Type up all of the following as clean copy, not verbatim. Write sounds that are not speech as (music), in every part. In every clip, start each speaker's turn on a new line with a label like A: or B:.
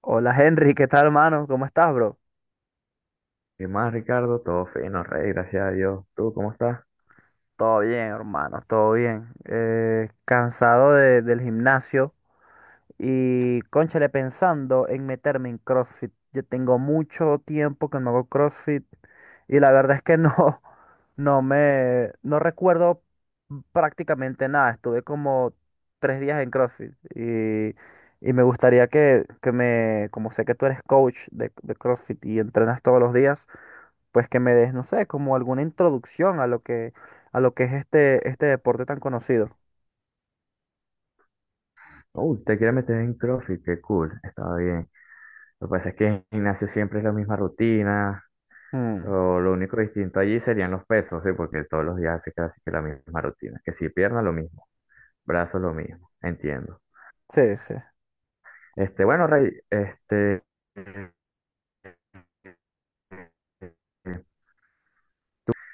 A: Hola Henry, ¿qué tal hermano? ¿Cómo estás, bro?
B: ¿Qué más, Ricardo? Todo fino, rey, gracias a Dios. ¿Tú cómo estás?
A: Todo bien, hermano, todo bien. Cansado del gimnasio y cónchale pensando en meterme en CrossFit. Yo tengo mucho tiempo que no hago CrossFit y la verdad es que no, (laughs) no recuerdo prácticamente nada. Estuve como tres días en CrossFit y me gustaría que me, como sé que tú eres coach de CrossFit y entrenas todos los días. Pues que me des, no sé, como alguna introducción a lo a lo que es este deporte tan conocido.
B: Te quieres meter en CrossFit, qué cool, estaba bien. Lo que pasa es que en gimnasio siempre es la misma rutina,
A: Mm,
B: o lo único distinto allí serían los pesos, ¿sí? Porque todos los días hace casi que la misma rutina. Que si pierna lo mismo, brazos lo mismo, entiendo.
A: sí, sí,
B: Bueno, Rey,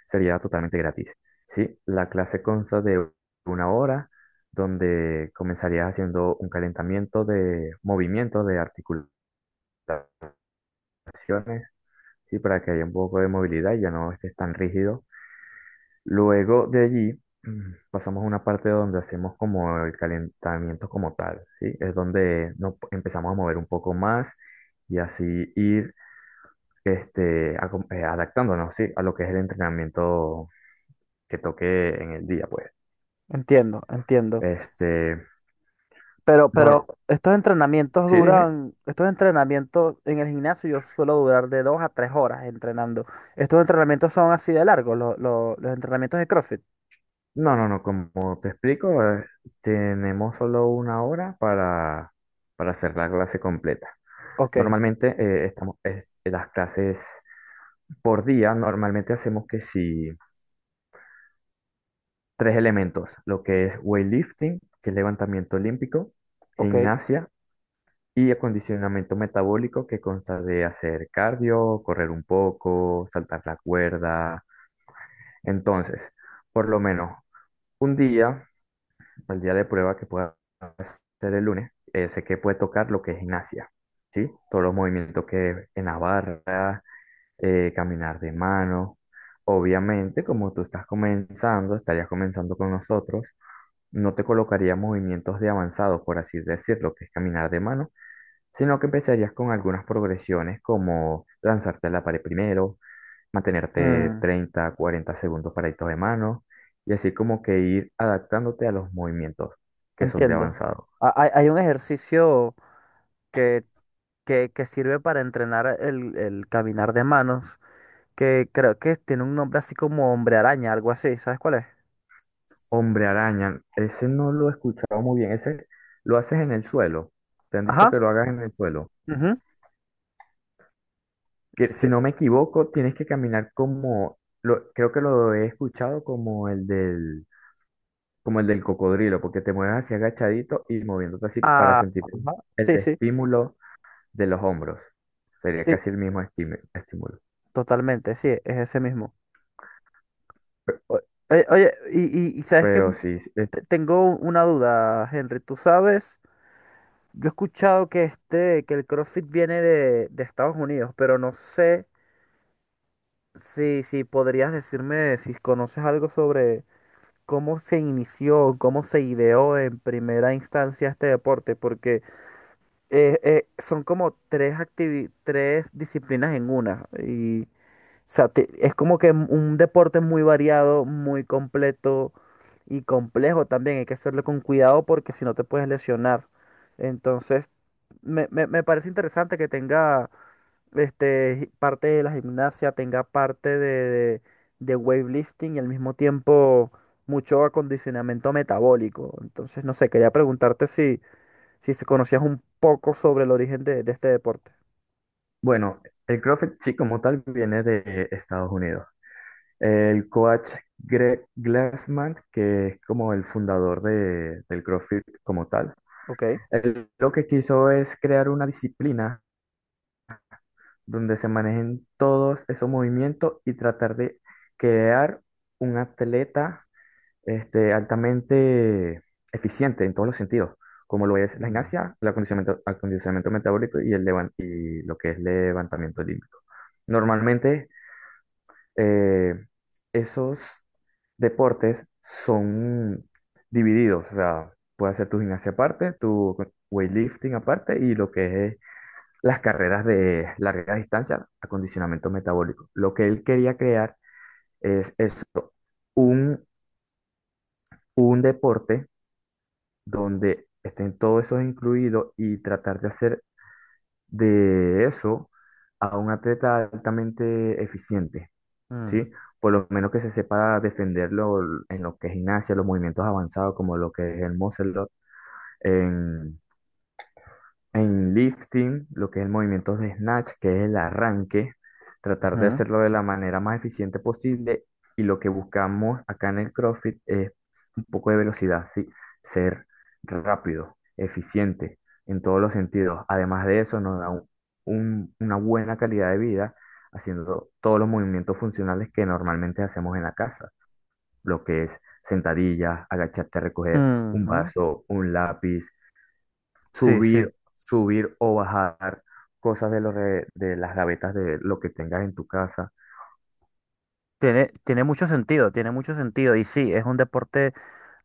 B: sería totalmente gratis. ¿Sí? La clase consta de 1 hora donde comenzarías haciendo un calentamiento de movimientos, de articulaciones, ¿sí? Para que haya un poco de movilidad y ya no estés tan rígido. Luego de allí pasamos a una parte donde hacemos como el calentamiento como tal, ¿sí? Es donde nos empezamos a mover un poco más y así ir adaptándonos, ¿sí? A lo que es el entrenamiento que toque en el día, pues.
A: entiendo, entiendo.
B: Este,
A: Pero
B: no,
A: estos entrenamientos
B: sí, dime.
A: duran, estos entrenamientos en el gimnasio yo suelo durar de dos a tres horas entrenando. ¿Estos entrenamientos son así de largos, los entrenamientos de CrossFit?
B: No, no, no, como te explico, tenemos solo 1 hora para hacer la clase completa.
A: Ok,
B: Normalmente estamos, las clases por día, normalmente hacemos que si tres elementos, lo que es weightlifting, que es levantamiento olímpico,
A: ok,
B: gimnasia y acondicionamiento metabólico, que consta de hacer cardio, correr un poco, saltar la cuerda. Entonces, por lo menos un día. El día de prueba que pueda ser el lunes, sé que puede tocar lo que es gimnasia, ¿sí? Todos los movimientos que en la barra, caminar de mano. Obviamente, como tú estás comenzando, estarías comenzando con nosotros, no te colocaría movimientos de avanzado, por así decirlo, que es caminar de mano, sino que empezarías con algunas progresiones como lanzarte a la pared primero, mantenerte
A: mm,
B: 30 40 segundos paraditos de mano y así como que ir adaptándote a los movimientos que son de
A: entiendo.
B: avanzado.
A: Hay, hay un ejercicio que, que sirve para entrenar el caminar de manos que creo que tiene un nombre así como Hombre Araña, algo así, ¿sabes cuál es?
B: Hombre araña, ese no lo he escuchado muy bien, ese lo haces en el suelo. Te han dicho
A: Ajá,
B: que lo hagas en el suelo.
A: ujú,
B: Que si
A: sí.
B: no me equivoco, tienes que caminar como lo, creo que lo he escuchado como el del cocodrilo, porque te mueves así agachadito y moviéndote así para
A: Ah,
B: sentir
A: ajá,
B: el
A: sí, sí,
B: estímulo de los hombros. Sería
A: sí,
B: casi el mismo estímulo.
A: totalmente, sí, es ese mismo. O- Oye, oye, y sabes que
B: Pero sí, sí, es,
A: tengo una duda, Henry, tú sabes, yo he escuchado que este, que el CrossFit viene de Estados Unidos, pero no sé si podrías decirme si conoces algo sobre cómo se inició, cómo se ideó en primera instancia este deporte, porque son como tres tres disciplinas en una. Y, o sea, es como que un deporte muy variado, muy completo y complejo también. Hay que hacerlo con cuidado porque si no te puedes lesionar. Entonces, me parece interesante que tenga este, parte de la gimnasia, tenga parte de, de weightlifting y al mismo tiempo mucho acondicionamiento metabólico. Entonces, no sé, quería preguntarte si se conocías un poco sobre el origen de este deporte.
B: bueno, el CrossFit sí como tal viene de Estados Unidos. El coach Greg Glassman, que es como el fundador de, del CrossFit como tal,
A: Ok.
B: él lo que quiso es crear una disciplina donde se manejen todos esos movimientos y tratar de crear un atleta altamente eficiente en todos los sentidos, como lo es la
A: Mm,
B: gimnasia, el acondicionamiento, acondicionamiento metabólico y, y lo que es levantamiento olímpico. Normalmente, eh, esos deportes son divididos, o sea, puedes hacer tu gimnasia aparte, tu weightlifting aparte y lo que es las carreras de larga distancia, acondicionamiento metabólico. Lo que él quería crear es eso, un, un deporte donde estén todos esos incluidos y tratar de hacer de eso a un atleta altamente eficiente,
A: mm,
B: ¿sí? Por lo menos que se sepa defenderlo en lo que es gimnasia, los movimientos avanzados como lo que es el muscle up, en lifting, lo que es el movimiento de snatch, que es el arranque, tratar de
A: ujú,
B: hacerlo de la manera más eficiente posible. Y lo que buscamos acá en el CrossFit es un poco de velocidad, ¿sí? Ser rápido, eficiente en todos los sentidos. Además de eso, nos da una buena calidad de vida haciendo todos los movimientos funcionales que normalmente hacemos en la casa, lo que es sentadillas, agacharte a recoger un
A: ujú.
B: vaso, un lápiz,
A: Sí, sí,
B: subir o bajar cosas de, de las gavetas de lo que tengas en tu casa.
A: tiene, tiene mucho sentido, tiene mucho sentido. Y sí, es un deporte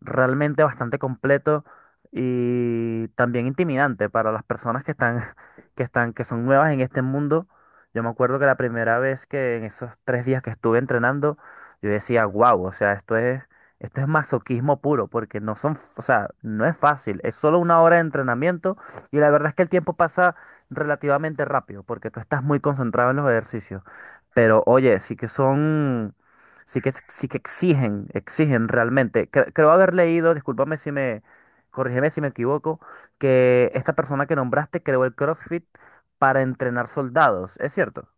A: realmente bastante completo y también intimidante para las personas que están, (laughs) que están, que son nuevas en este mundo. Yo me acuerdo que la primera vez que en esos tres días que estuve entrenando, yo decía, wow, o sea, esto es masoquismo puro, porque no son, o sea, no es fácil, es solo una hora de entrenamiento y la verdad es que el tiempo pasa relativamente rápido, porque tú estás muy concentrado en los ejercicios. Pero oye, sí que son, sí que exigen, exigen realmente. Creo haber leído, discúlpame si me, corrígeme si me equivoco, que esta persona que nombraste creó el CrossFit para entrenar soldados, ¿es cierto?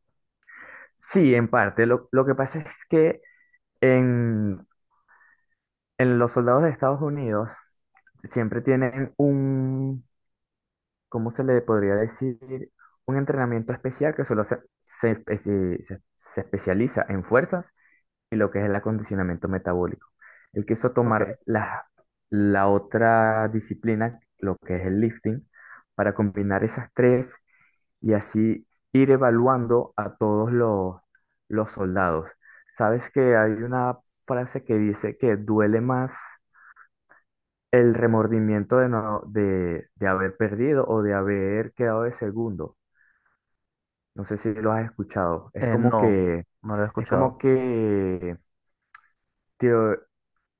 B: Sí, en parte. Lo que pasa es que en, en los soldados de Estados Unidos siempre tienen un, ¿cómo se le podría decir? Un entrenamiento especial que solo se especializa en fuerzas y lo que es el acondicionamiento metabólico. Él quiso tomar
A: Ok.
B: la, la otra disciplina, lo que es el lifting, para combinar esas tres y así ir evaluando a todos los soldados. Sabes que hay una frase que dice que duele más el remordimiento de, no, de haber perdido o de haber quedado de segundo. No sé si lo has escuchado.
A: No, no lo he
B: Es como
A: escuchado.
B: que te,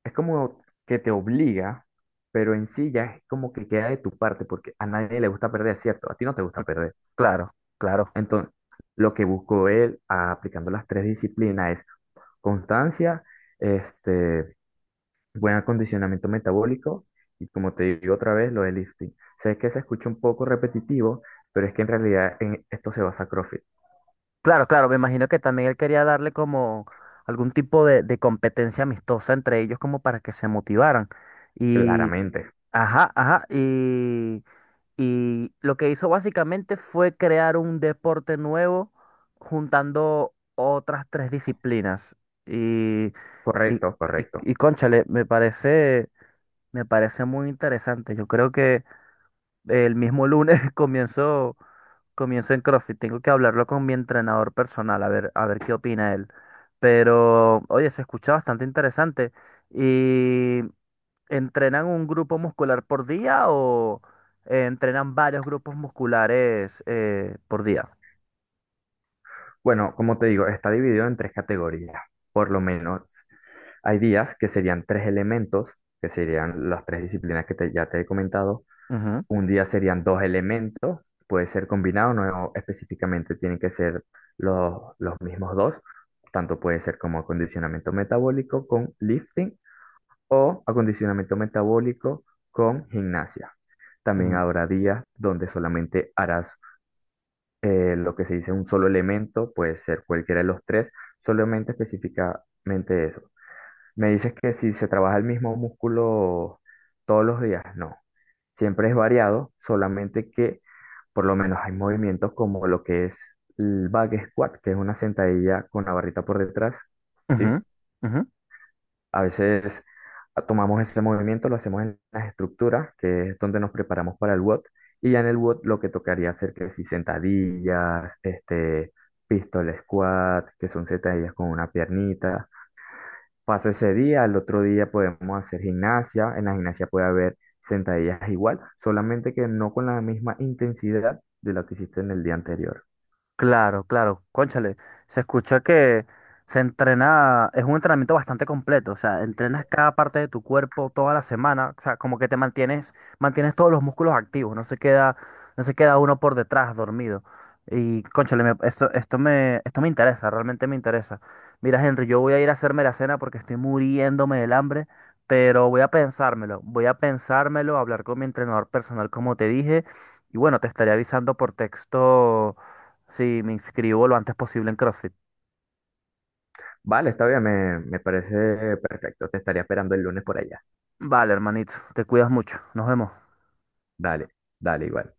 B: es como que te obliga, pero en sí ya es como que queda de tu parte, porque a nadie le gusta perder, ¿cierto? A ti no te gusta perder.
A: Claro, claro.
B: Entonces, lo que buscó él aplicando las tres disciplinas es constancia, este, buen acondicionamiento metabólico y como te digo otra vez, lo del lifting. Sé que se escucha un poco repetitivo, pero es que en realidad en esto se basa CrossFit,
A: Claro, claro, me imagino que también él quería darle como algún tipo de competencia amistosa entre ellos como para que se motivaran. Y,
B: claramente.
A: ajá, ajá, y... Y lo que hizo básicamente fue crear un deporte nuevo juntando otras tres disciplinas. Y, y,
B: Correcto, correcto.
A: y, cónchale, me parece muy interesante. Yo creo que el mismo lunes (laughs) comienzo, comienzo en CrossFit. Tengo que hablarlo con mi entrenador personal, a ver qué opina él. Pero, oye, se escucha bastante interesante. ¿Y entrenan un grupo muscular por día o entrenan varios grupos musculares por día?
B: Bueno, como te digo, está dividido en tres categorías, por lo menos. Hay días que serían tres elementos, que serían las tres disciplinas que ya te he comentado.
A: Ujú,
B: Un día serían dos elementos, puede ser combinado, no específicamente tienen que ser los mismos dos. Tanto puede ser como acondicionamiento metabólico con lifting o acondicionamiento metabólico con gimnasia. También habrá días donde solamente harás lo que se dice un solo elemento, puede ser cualquiera de los tres, solamente específicamente eso. Me dices que si se trabaja el mismo músculo todos los días, no. Siempre es variado, solamente que por lo menos hay movimientos como lo que es el back squat, que es una sentadilla con la barrita por detrás,
A: ujú,
B: ¿sí?
A: ujú, ujú.
B: A veces tomamos ese movimiento, lo hacemos en las estructuras, que es donde nos preparamos para el WOD, y ya en el WOD lo que tocaría hacer que si sentadillas, este, pistol squat, que son sentadillas con una piernita. Pasa ese día, al otro día podemos hacer gimnasia, en la gimnasia puede haber sentadillas igual, solamente que no con la misma intensidad de la que hiciste en el día anterior.
A: Claro, claro, cónchale, se escucha que se entrena, es un entrenamiento bastante completo, o sea, entrenas cada parte de tu cuerpo toda la semana, o sea, como que te mantienes, mantienes todos los músculos activos, no se queda, no se queda uno por detrás dormido. Y cónchale, esto, esto me interesa, realmente me interesa. Mira, Henry, yo voy a ir a hacerme la cena porque estoy muriéndome del hambre, pero voy a pensármelo, hablar con mi entrenador personal, como te dije, y bueno, te estaré avisando por texto. Sí, me inscribo lo antes posible en CrossFit.
B: Vale, está bien, me parece perfecto, te estaría esperando el lunes por allá.
A: Vale, hermanito, te cuidas mucho. Nos vemos.
B: Dale, dale igual.